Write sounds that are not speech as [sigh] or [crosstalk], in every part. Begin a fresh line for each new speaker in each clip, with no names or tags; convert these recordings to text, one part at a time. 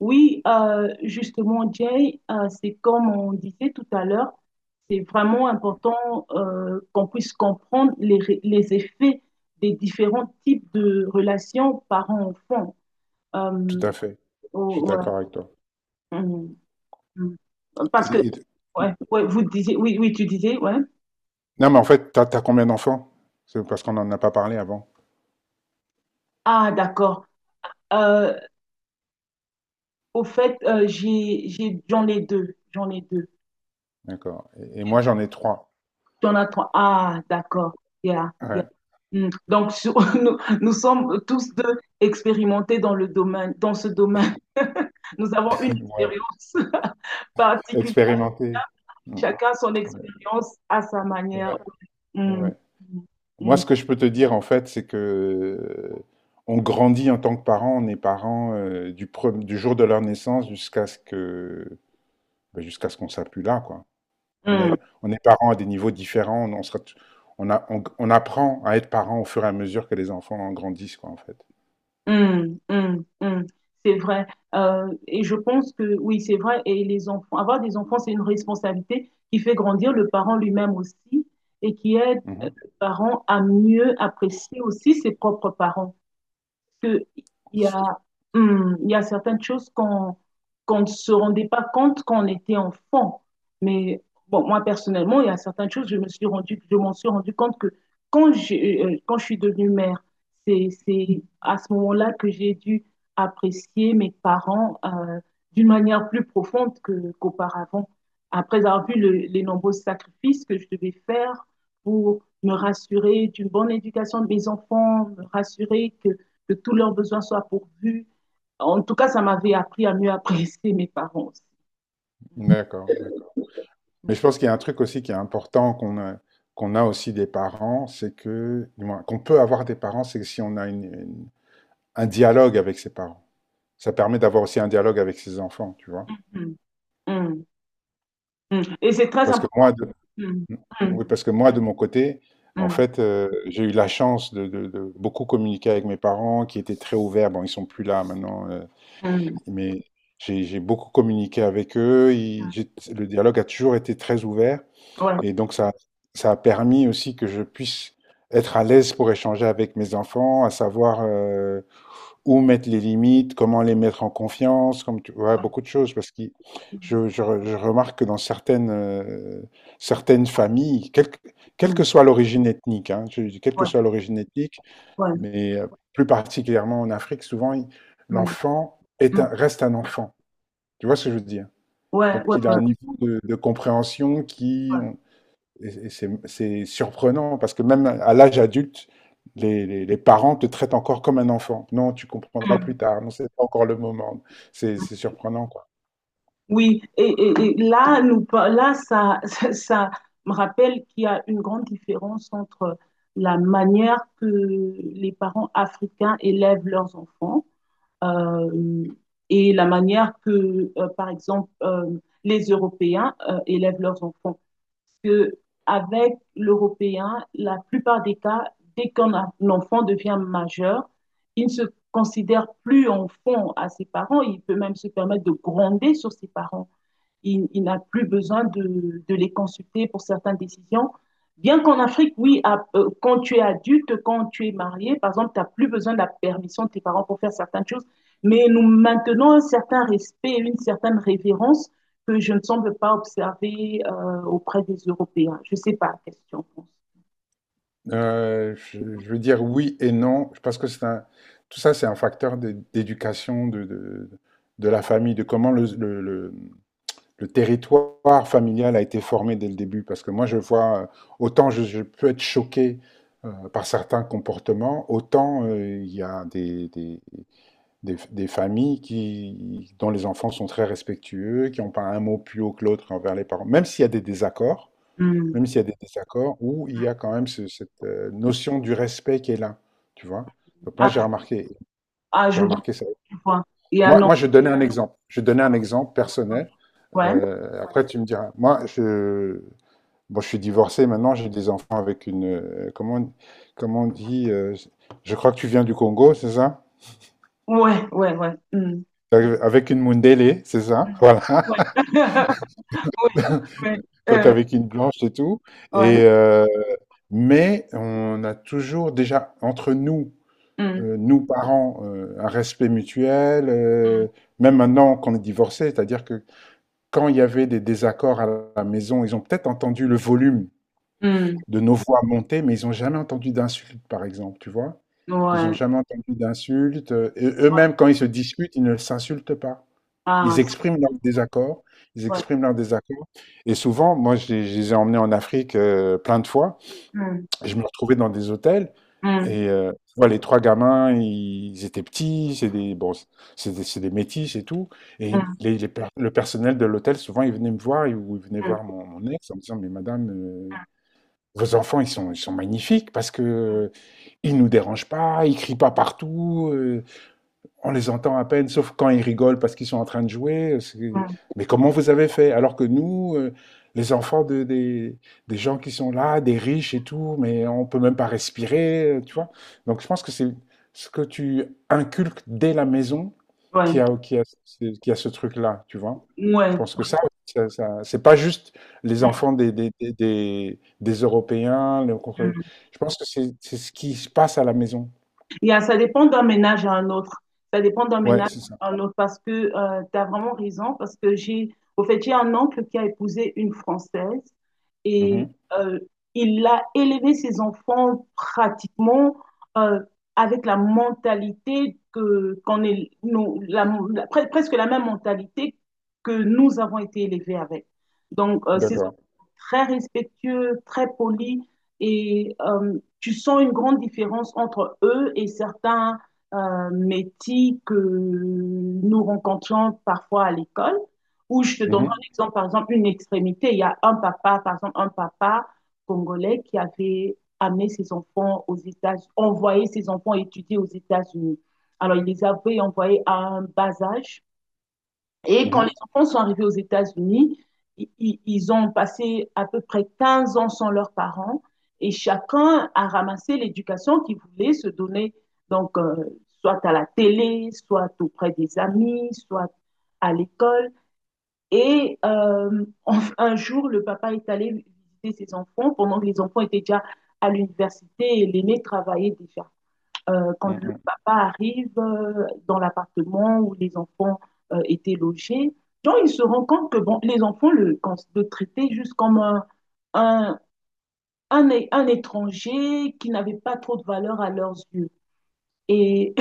Oui, justement, Jay, c'est comme on disait tout à l'heure, c'est vraiment important qu'on puisse comprendre les effets des différents types de relations parents-enfants.
Tout
Euh,
à fait. Je suis
oh, ouais.
d'accord avec toi.
Hum, hum. Parce que,
Et- et-
ouais, ouais, vous disiez, oui, oui, tu disais, ouais.
non, mais en fait, t'as combien d'enfants? C'est parce qu'on n'en a pas parlé avant.
Ah, d'accord. Euh, Au fait, j'en ai deux, j'en ai deux.
D'accord. Et moi, j'en ai trois.
Jonathan, ah, d'accord. Yeah, yeah.
Ouais.
Mm. Donc, [laughs] nous sommes tous deux expérimentés dans le domaine, dans ce domaine. [laughs] Nous avons une
[laughs] Ouais.
expérience [laughs] particulière.
Expérimenté. Mm.
Chacun son
Ouais.
expérience à sa manière.
Ouais.
Mm,
Ouais.
mm,
Moi,
mm,
ce que je peux te dire, en fait, c'est que on grandit en tant que parents, on est parents du jour de leur naissance jusqu'à ce que, ben, jusqu'à ce qu'on s'appuie là, quoi. On
mm.
est, on est parents à des niveaux différents. On sera t- on a- on- on apprend à être parent au fur et à mesure que les enfants en grandissent, quoi, en fait.
Hum, hum, hum. C'est vrai. Et je pense que oui, c'est vrai. Et les enfants, avoir des enfants, c'est une responsabilité qui fait grandir le parent lui-même aussi et qui aide
Mhm.
le parent à mieux apprécier aussi ses propres parents que il y a, il y a certaines choses qu'on ne se rendait pas compte quand on était enfant. Mais bon, moi personnellement, il y a certaines choses, je m'en suis rendu compte que quand je suis devenue mère, c'est à ce moment-là que j'ai dû apprécier mes parents d'une manière plus profonde qu'auparavant. Après avoir vu les nombreux sacrifices que je devais faire pour me rassurer d'une bonne éducation de mes enfants, me rassurer que tous leurs besoins soient pourvus. En tout cas, ça m'avait appris à mieux apprécier mes parents aussi.
D'accord, d'accord. Mais je pense qu'il y a un truc aussi qui est important qu'on a aussi des parents, c'est que, du moins, qu'on peut avoir des parents, c'est que si on a un dialogue avec ses parents. Ça permet d'avoir aussi un dialogue avec ses enfants, tu vois.
Mhm. Mhm. Mhm. Et c'est très
Parce que
important.
moi, de,
Mhm.
mmh, Oui, parce que moi, de mon côté, en
Mhm.
fait, j'ai eu la chance de beaucoup communiquer avec mes parents qui étaient très ouverts. Bon, ils sont plus là maintenant.
Mhm.
Mais j'ai beaucoup communiqué avec eux,
Mhm.
le dialogue a toujours été très ouvert
Ouais.
et donc ça a permis aussi que je puisse être à l'aise pour échanger avec mes enfants, à savoir où mettre les limites, comment les mettre en confiance, comme tu vois,
Ouais.
beaucoup de choses parce que je remarque que dans certaines, certaines familles, quelle
Mhm.
que soit l'origine ethnique, hein, je dis quelle que
Ouais.
soit l'origine ethnique,
Ouais.
mais plus particulièrement en Afrique, souvent
Mhm.
l'enfant
Mhm.
reste un enfant. Tu vois ce que je veux dire?
Ouais.
Donc
Ouais.
il
Ouais.
a un niveau de compréhension qui,
Ouais.
et c'est surprenant parce que même à l'âge adulte, les parents te traitent encore comme un enfant. Non, tu comprendras plus
Mhm.
tard. Non, c'est pas encore le moment. C'est surprenant, quoi.
Oui, et là, là ça, [laughs] ça me rappelle qu'il y a une grande différence entre la manière que les parents africains élèvent leurs enfants euh, et la manière que, par exemple, les Européens élèvent leurs enfants. Parce que avec l'Européen, la plupart des cas, dès un enfant devient majeur, il ne se considère plus enfant à ses parents. Il peut même se permettre de gronder sur ses parents. Il n'a plus besoin de les consulter pour certaines décisions. Bien qu'en Afrique, oui, quand tu es adulte, quand tu es marié, par exemple, tu n'as plus besoin de la permission de tes parents pour faire certaines choses, mais nous maintenons un certain respect, une certaine révérence que je ne semble pas observer auprès des Européens. Je ne sais pas, question.
Je veux dire oui et non. Je pense que tout ça, c'est un facteur d'éducation de la famille, de comment le territoire familial a été formé dès le début. Parce que moi, je vois, autant je peux être choqué par certains comportements, autant il y a des familles qui, dont les enfants sont très respectueux, qui n'ont pas un mot plus haut que l'autre envers les parents, même s'il y a des désaccords,
Mm.
même s'il y a des désaccords, où il y a quand même cette notion du respect qui est là, tu vois. Donc moi,
Ah, ah,
j'ai
je vois,
remarqué ça.
tu vois. Et à
Moi,
non,
moi, je donnais un exemple. Je donnais un exemple personnel.
ouais,
Après tu me diras. Moi, je bon, je suis divorcé maintenant, j'ai des enfants avec une, comment on dit? Je crois que tu viens du Congo, c'est ça?
ouais, ouais, ouais. Mm.
Avec une Mundélé, c'est ça? [laughs] Voilà,
Ouais. [laughs] Ouais, ouais,
donc
euh,
avec une blanche et tout
ouais.
et mais on a toujours déjà entre nous, nous parents, un respect mutuel,
Mm.
même maintenant qu'on est divorcés, c'est-à-dire que quand il y avait des désaccords à la maison, ils ont peut-être entendu le volume
Mmh.
de nos voix monter, mais ils ont jamais entendu d'insultes, par exemple, tu vois? Ils ont
Ouais,
jamais entendu d'insultes. Et
ouais.
eux-mêmes, quand ils se disputent, ils ne s'insultent pas.
Ah,
Ils
ça,
expriment leur désaccord. Ils
ouais.
expriment leur désaccord. Et souvent, moi, je les ai emmenés en Afrique plein de fois.
Mmh.
Je me retrouvais dans des hôtels
Mmh.
et tu vois, les trois gamins, ils étaient petits, bon, c'est des métis et tout. Et
Mmh.
le personnel de l'hôtel, souvent, ils venaient me voir, ou ils venaient voir
Mmh.
mon ex en me disant, mais madame, vos enfants, ils sont magnifiques parce que ils nous dérangent pas, ils crient pas partout, on les entend à peine, sauf quand ils rigolent parce qu'ils sont en train de jouer.
Mmh.
Mais comment vous avez fait? Alors que nous, les enfants des gens qui sont là, des riches et tout, mais on peut même pas respirer, tu vois. Donc je pense que c'est ce que tu inculques dès la maison
Ouais.
qui a ce truc-là, tu vois. Je
Ouais.
pense que ça, c'est pas juste les
Mmh.
enfants des Européens. le- contre-
Mmh.
je pense que c'est ce qui se passe à la maison.
Ça dépend d'un ménage à un autre. Ça dépend d'un
Ouais,
ménage
c'est ça.
à un autre parce que tu as vraiment raison. Parce que au fait, j'ai un oncle qui a épousé une Française et
Mhm.
euh, il a élevé ses enfants pratiquement euh, avec la mentalité qu'on est, nous, presque la même mentalité que nous avons été élevés avec. Donc, ses
D'accord.
très respectueux, très polis. Et tu sens une grande différence entre eux et certains métis que nous rencontrons parfois à l'école, où je te donne
Mhm.
un exemple, par exemple, une extrémité. Il y a un papa, par exemple, un papa congolais qui avait amené ses enfants aux États-Unis, envoyé ses enfants étudier aux États-Unis. Alors, il les avait envoyés à un bas âge et quand les
Mhm,
enfants sont arrivés aux États-Unis, ils ont passé à peu près 15 ans sans leurs parents et chacun a ramassé l'éducation qu'il voulait se donner. Donc, soit à la télé, soit auprès des amis, soit à l'école. Et un jour, le papa est allé visiter ses enfants pendant que les enfants étaient déjà à l'université et l'aîné travaillait déjà. Quand le
mhm,
papa arrive dans l'appartement où les enfants étaient logés, donc il se rend compte que bon, les enfants le traitaient juste comme un, un étranger qui n'avait pas trop de valeur à leurs yeux. Et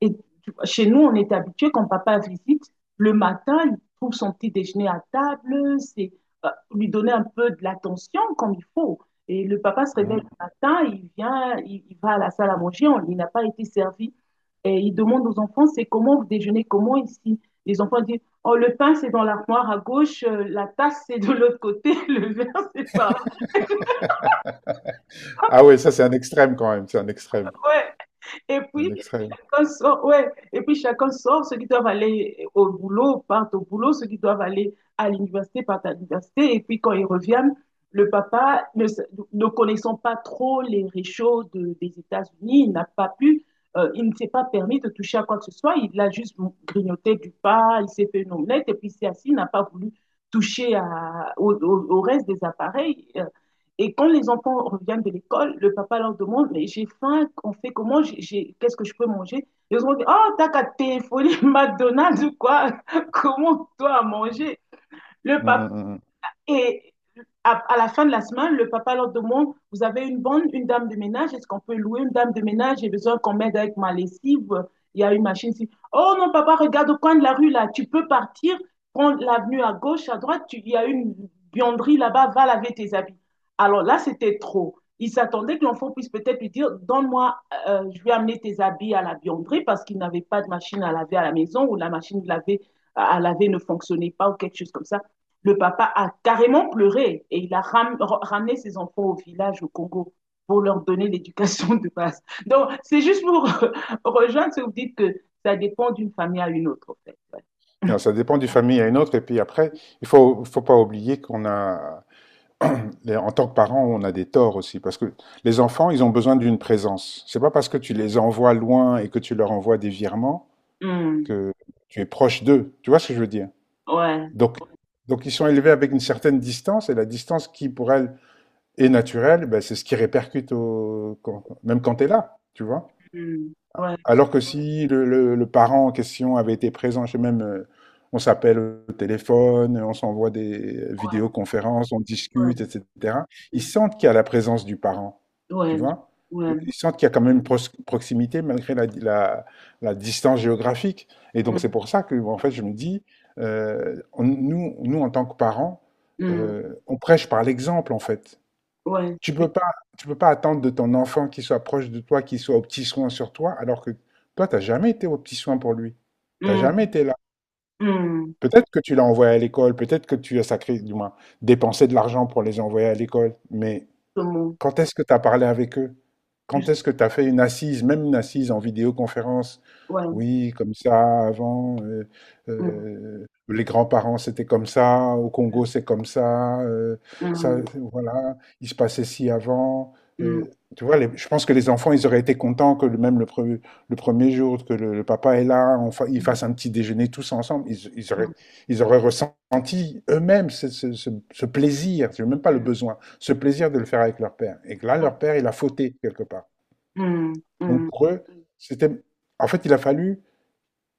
et chez nous, on est habitué quand papa visite, le matin, il trouve son petit déjeuner à table, c'est euh, lui donner un peu de l'attention comme il faut. Et le papa se réveille
mhm.
le matin, il vient, il va à la salle à manger, il n'a pas été servi. Et il demande aux enfants, c'est comment vous déjeunez, comment ici? Les enfants disent, oh, le pain, c'est dans l'armoire à gauche, la tasse, c'est de l'autre côté, [laughs] le verre, c'est par là.
[laughs] Ah oui, ça c'est un extrême quand même, c'est un extrême,
Ouais. Et
un
puis,
extrême.
chacun sort, ouais. Et puis chacun sort, ceux qui doivent aller au boulot partent au boulot, ceux qui doivent aller à l'université partent à l'université. Et puis quand ils reviennent, le papa, ne connaissant pas trop les réchauds des États-Unis, il n'a pas pu, il ne s'est pas permis de toucher à quoi que ce soit. Il a juste grignoté du pain, il s'est fait une omelette et puis il s'est assis, il n'a pas voulu toucher au reste des appareils. Et quand les enfants reviennent de l'école, le papa leur demande, mais j'ai faim, on fait comment, qu'est-ce que je peux manger? Ils ont dit, oh, t'as qu'à téléphoner [laughs] McDonald's ou quoi? Comment toi à manger? Le
Mm,
papa.
mm, mm, mm.
Et à la fin de la semaine, le papa leur demande, vous avez une bonne, une dame de ménage, est-ce qu'on peut louer une dame de ménage? J'ai besoin qu'on m'aide avec ma lessive. Il y a une machine ici. Oh non, papa, regarde au coin de la rue là, tu peux partir, prendre l'avenue à gauche, à droite, il y a une buanderie là-bas, va laver tes habits. Alors là, c'était trop. Il s'attendait que l'enfant puisse peut-être lui dire, donne-moi, je vais amener tes habits à la buanderie parce qu'il n'avait pas de machine à laver à la maison ou la machine de laver à laver ne fonctionnait pas ou quelque chose comme ça. Le papa a carrément pleuré et il a ramené ses enfants au village au Congo pour leur donner l'éducation de base. Donc, c'est juste pour [laughs] rejoindre ce que vous dites que ça dépend d'une famille à une autre, en fait. Ouais.
Non, ça dépend d'une famille à une autre, et puis après, faut pas oublier qu'on a, [clears throat] en tant que parents, on a des torts aussi, parce que les enfants, ils ont besoin d'une présence. C'est pas parce que tu les envoies loin et que tu leur envoies des virements
Hmm.
que tu es proche d'eux. Tu vois ce que je veux dire?
Ouais.
Donc, donc, ils sont élevés avec une certaine distance, et la distance qui, pour elles, et naturel, ben, c'est ce qui répercute au, même quand tu es là, tu vois.
Hmm. Ouais.
Alors que si le parent en question avait été présent, je sais même, on s'appelle au téléphone, on s'envoie des
Ouais.
vidéoconférences, on discute, etc. Ils
Ouais.
sentent qu'il y a la présence du parent, tu
Ouais.
vois. Donc,
Ouais.
ils sentent qu'il y a quand même une proximité malgré la distance géographique. Et donc c'est
Hmm.
pour ça que, en fait, je me dis, nous, en tant que parents,
Hmm.
on prêche par l'exemple, en fait.
Ouais.
Tu peux pas, tu peux pas attendre de ton enfant qu'il soit proche de toi, qu'il soit au petit soin sur toi, alors que toi, t'as jamais été au petit soin pour lui. T'as
Hmm.
jamais été là.
Hmm.
Peut-être que tu l'as envoyé à l'école, peut-être que tu as sacré, du moins, dépensé de l'argent pour les envoyer à l'école, mais
Justement.
quand est-ce que tu as parlé avec eux? Quand
Juste.
est-ce que tu as fait une assise, même une assise en vidéoconférence?
Ouais.
Oui, comme ça, avant,
Mm,
les grands-parents, c'était comme ça, au Congo, c'est comme ça, ça,
mm,
voilà, il se passait ci avant.
mm,
Euh, Tu vois, je pense que les enfants, ils auraient été contents que même le premier jour, que le papa est là, ils
mm,
fassent un petit déjeuner tous ensemble. Ils auraient ressenti eux-mêmes ce plaisir, c'est même pas le besoin ce plaisir de le faire avec leur père. Et que là, leur père, il a fauté quelque part.
mm, mm,
Donc
mm,
pour eux, c'était. En fait, il a fallu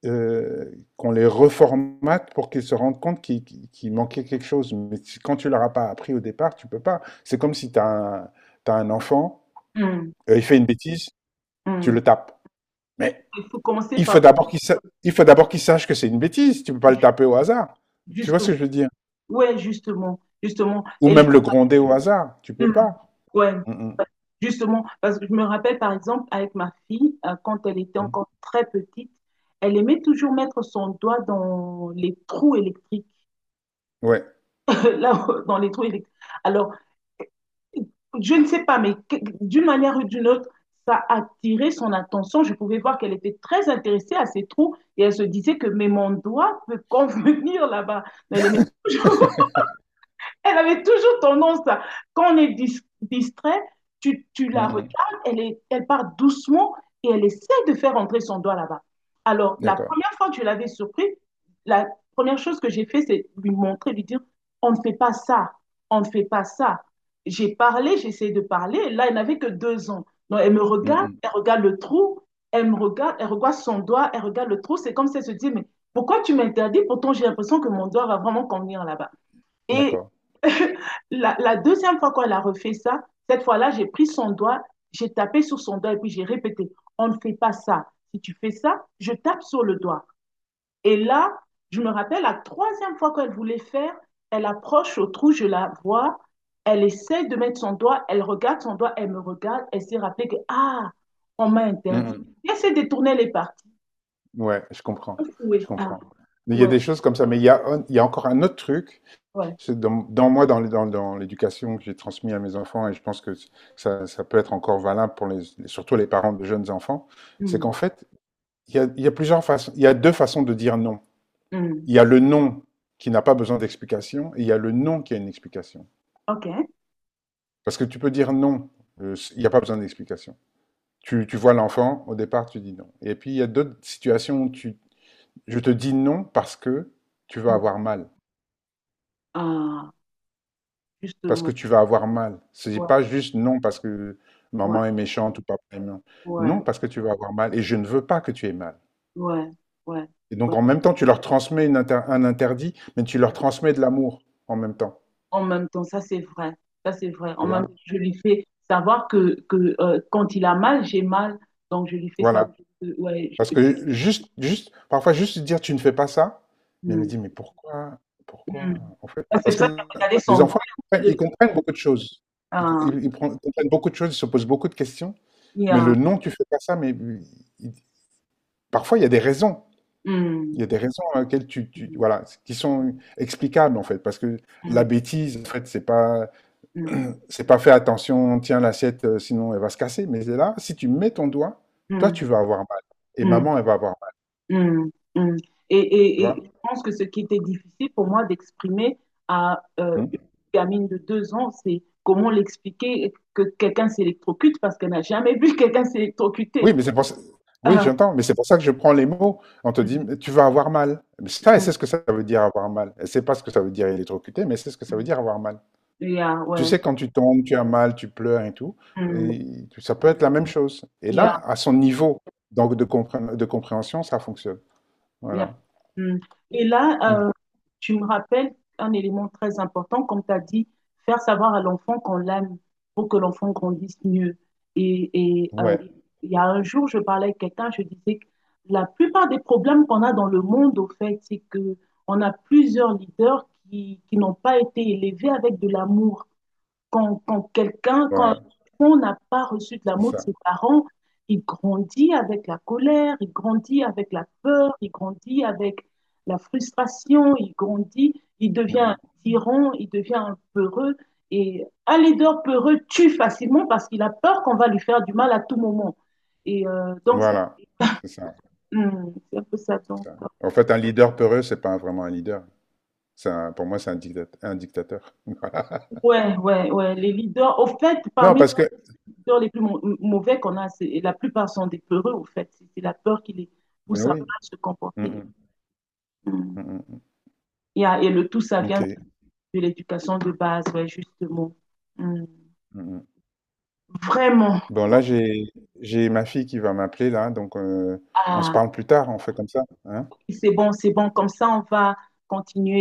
qu'on les reformate pour qu'ils se rendent compte qu'il manquait quelque chose. Mais quand tu leur as pas appris au départ, tu peux pas. C'est comme si tu as, un t'as un enfant,
mm,
il fait une bêtise, tu
mm.
le tapes. Mais
Il faut commencer
il faut
par
d'abord qu'il sa- il faut d'abord qu'il sache que c'est une bêtise. Tu peux pas le taper au hasard. Tu vois
justement,
ce que je veux dire?
ouais, justement, justement,
Ou même le gronder au hasard. Tu peux
mm,
pas.
ouais,
Mm,
justement, parce que je me rappelle par exemple avec ma fille quand elle était
mm, mm.
encore très petite, elle aimait toujours mettre son doigt dans les trous électriques,
Ouais.
[laughs] là, dans les trous électriques. Alors je ne sais pas, mais d'une manière ou d'une autre, ça attirait son attention. Je pouvais voir qu'elle était très intéressée à ces trous et elle se disait que mais mon doigt peut convenir là-bas. Mais toujours
[laughs]
elle avait toujours tendance à, quand on est distrait, tu
Mm,
la
mm.
regardes, elle part doucement et elle essaie de faire entrer son doigt là-bas. Alors, la
D'accord.
première fois que je l'avais surpris, la première chose que j'ai fait, c'est lui montrer, lui dire, on ne fait pas ça, on ne fait pas ça. J'ai parlé, j'ai essayé de parler. Là, elle n'avait que 2 ans. Donc, elle me
Mmh
regarde,
mh.
elle regarde le trou, elle me regarde, elle regarde son doigt, elle regarde le trou. C'est comme si elle se dit, mais pourquoi tu m'interdis? Pourtant, j'ai l'impression que mon doigt va vraiment convenir là-bas. Et
D'accord.
[laughs] la deuxième fois qu'elle a refait ça, cette fois-là, j'ai pris son doigt, j'ai tapé sur son doigt et puis j'ai répété, on ne fait pas ça. Si tu fais ça, je tape sur le doigt. Et là, je me rappelle, la troisième fois qu'elle voulait faire, elle approche au trou, je la vois, elle essaie de mettre son doigt, elle regarde son doigt, elle me regarde, elle s'est rappelée que, ah, on m'a
Mmh
interdit.
mh.
Elle s'est détournée les parties.
Ouais, je comprends,
Oui,
je
ah,
comprends. Mais il y a
ouais,
des choses comme ça, mais il y a encore un autre truc,
ouais.
c'est dans moi, dans le dans dans l'éducation que j'ai transmis à mes enfants et je pense que ça peut être encore valable pour les surtout les parents de jeunes enfants, c'est
Hmm,
qu'en fait, il y a 2 façons de dire non.
hmm.
Il y a le «non» qui n'a pas besoin d'explication et il y a le «non» qui a une explication.
OK.
Parce que tu peux dire «non», il n'y a pas besoin d'explication. Tu vois l'enfant, au départ, tu dis «non» et puis il y a d'autres situations où tu Je te dis non parce que tu vas
Hmm.
avoir mal.
Ah,
Parce que
justement.
tu vas avoir mal. Ce n'est
Ouais.
pas juste non parce que
Ouais,
maman est méchante ou papa est méchant.
ouais,
Non parce que tu vas avoir mal et je ne veux pas que tu aies mal.
ouais, ouais,
Et donc
ouais.
en même temps, tu leur transmets un interdit, mais tu leur transmets de l'amour en même temps.
En même temps, ça c'est vrai, ça c'est vrai.
Tu
En même
vois?
temps, je lui fais savoir que quand il a mal, j'ai mal. Donc je lui fais savoir
Voilà.
que, ouais,
Parce que juste, juste, parfois juste dire tu ne fais pas ça, mais elle me
Hmm,
dit mais pourquoi? Pourquoi?
hmm.
En fait,
Ah, c'est
parce
pour ça qu'il a
que
regardé
les
son doigt,
enfants,
il a
ils
regardé
comprennent beaucoup de choses. Ils, co-
Ah,
ils- ils pren- comprennent beaucoup de choses, ils se posent beaucoup de questions.
il y
Mais
a-
le non, tu fais pas ça, mais il- parfois il y a des raisons. Il y
Hmm,
a des raisons à laquelle
hmm,
voilà, qui sont explicables en fait, parce que la bêtise, en fait, c'est pas,
hmm,
fait attention, tiens l'assiette, sinon elle va se casser. Mais là, si tu mets ton doigt,
hmm,
toi tu
hmm,
vas avoir mal, et
hmm.
maman elle va avoir mal,
Mm, mm. Et,
tu
et,
vois.
et je pense que ce qui était difficile pour moi d'exprimer à une
Hmm.
gamine de 2 ans, c'est comment l'expliquer que quelqu'un s'électrocute parce qu'elle n'a jamais vu [laughs] quelqu'un
Oui,
s'électrocuter.
mais c'est pour ça. Oui,
Euh,
j'entends, mais c'est pour ça que je prends les mots. On te dit, mais
mm,
tu vas avoir mal. Mais ça, elle
mm,
sait ce que ça veut dire avoir mal. Elle sait pas ce que ça veut dire électrocuté, mais elle sait ce que ça veut
mm.
dire avoir mal.
Yeah,
Tu
ouais.
sais, quand tu tombes, tu as mal, tu pleures et tout,
Mm,
et ça peut être la même chose. Et
yeah,
là, à son niveau donc de compréhension, ça fonctionne.
yeah,
Voilà.
mm. Et là,
Mm.
tu me rappelles un élément très important, comme tu as dit, faire savoir à l'enfant qu'on l'aime pour que l'enfant grandisse mieux. Et, et, euh,
Ouais,
il y a un jour, je parlais avec quelqu'un, je disais que la plupart des problèmes qu'on a dans le monde, au fait, c'est que on a plusieurs leaders qui n'ont pas été élevés avec de l'amour. Quand
voilà,
on n'a pas reçu de
c'est
l'amour de
ça.
ses parents, il grandit avec la colère, il grandit avec la peur, il grandit avec la frustration, il grandit, il devient
Mm,
un
mm.
tyran, il devient un peureux. Et un leader peureux tue facilement parce qu'il a peur qu'on va lui faire du mal à tout moment. Et donc,
Voilà, c'est ça,
c'est un peu ça.
c'est
Donc,
ça. En fait, un leader peureux, c'est pas vraiment un leader. Pour moi, c'est un dictateur. [laughs] Voilà.
ouais, ouais, ouais. Les leaders, au fait,
Non,
parmi
parce que...
peurs les plus mauvais qu'on a, et la plupart sont des peureux, au fait. C'est la peur qui les
Mais
pousse à
oui.
se
Mm,
comporter.
mm, mm,
Mm.
mm, mm.
Et le tout, ça vient
Ok.
de l'éducation de base, ouais, justement. Mm.
Mm, mm.
Vraiment.
Bon, là, j'ai ma fille qui va m'appeler, là, donc on se
Ah,
parle plus tard, on fait comme ça. Hein.
c'est bon, comme ça, on va continuer.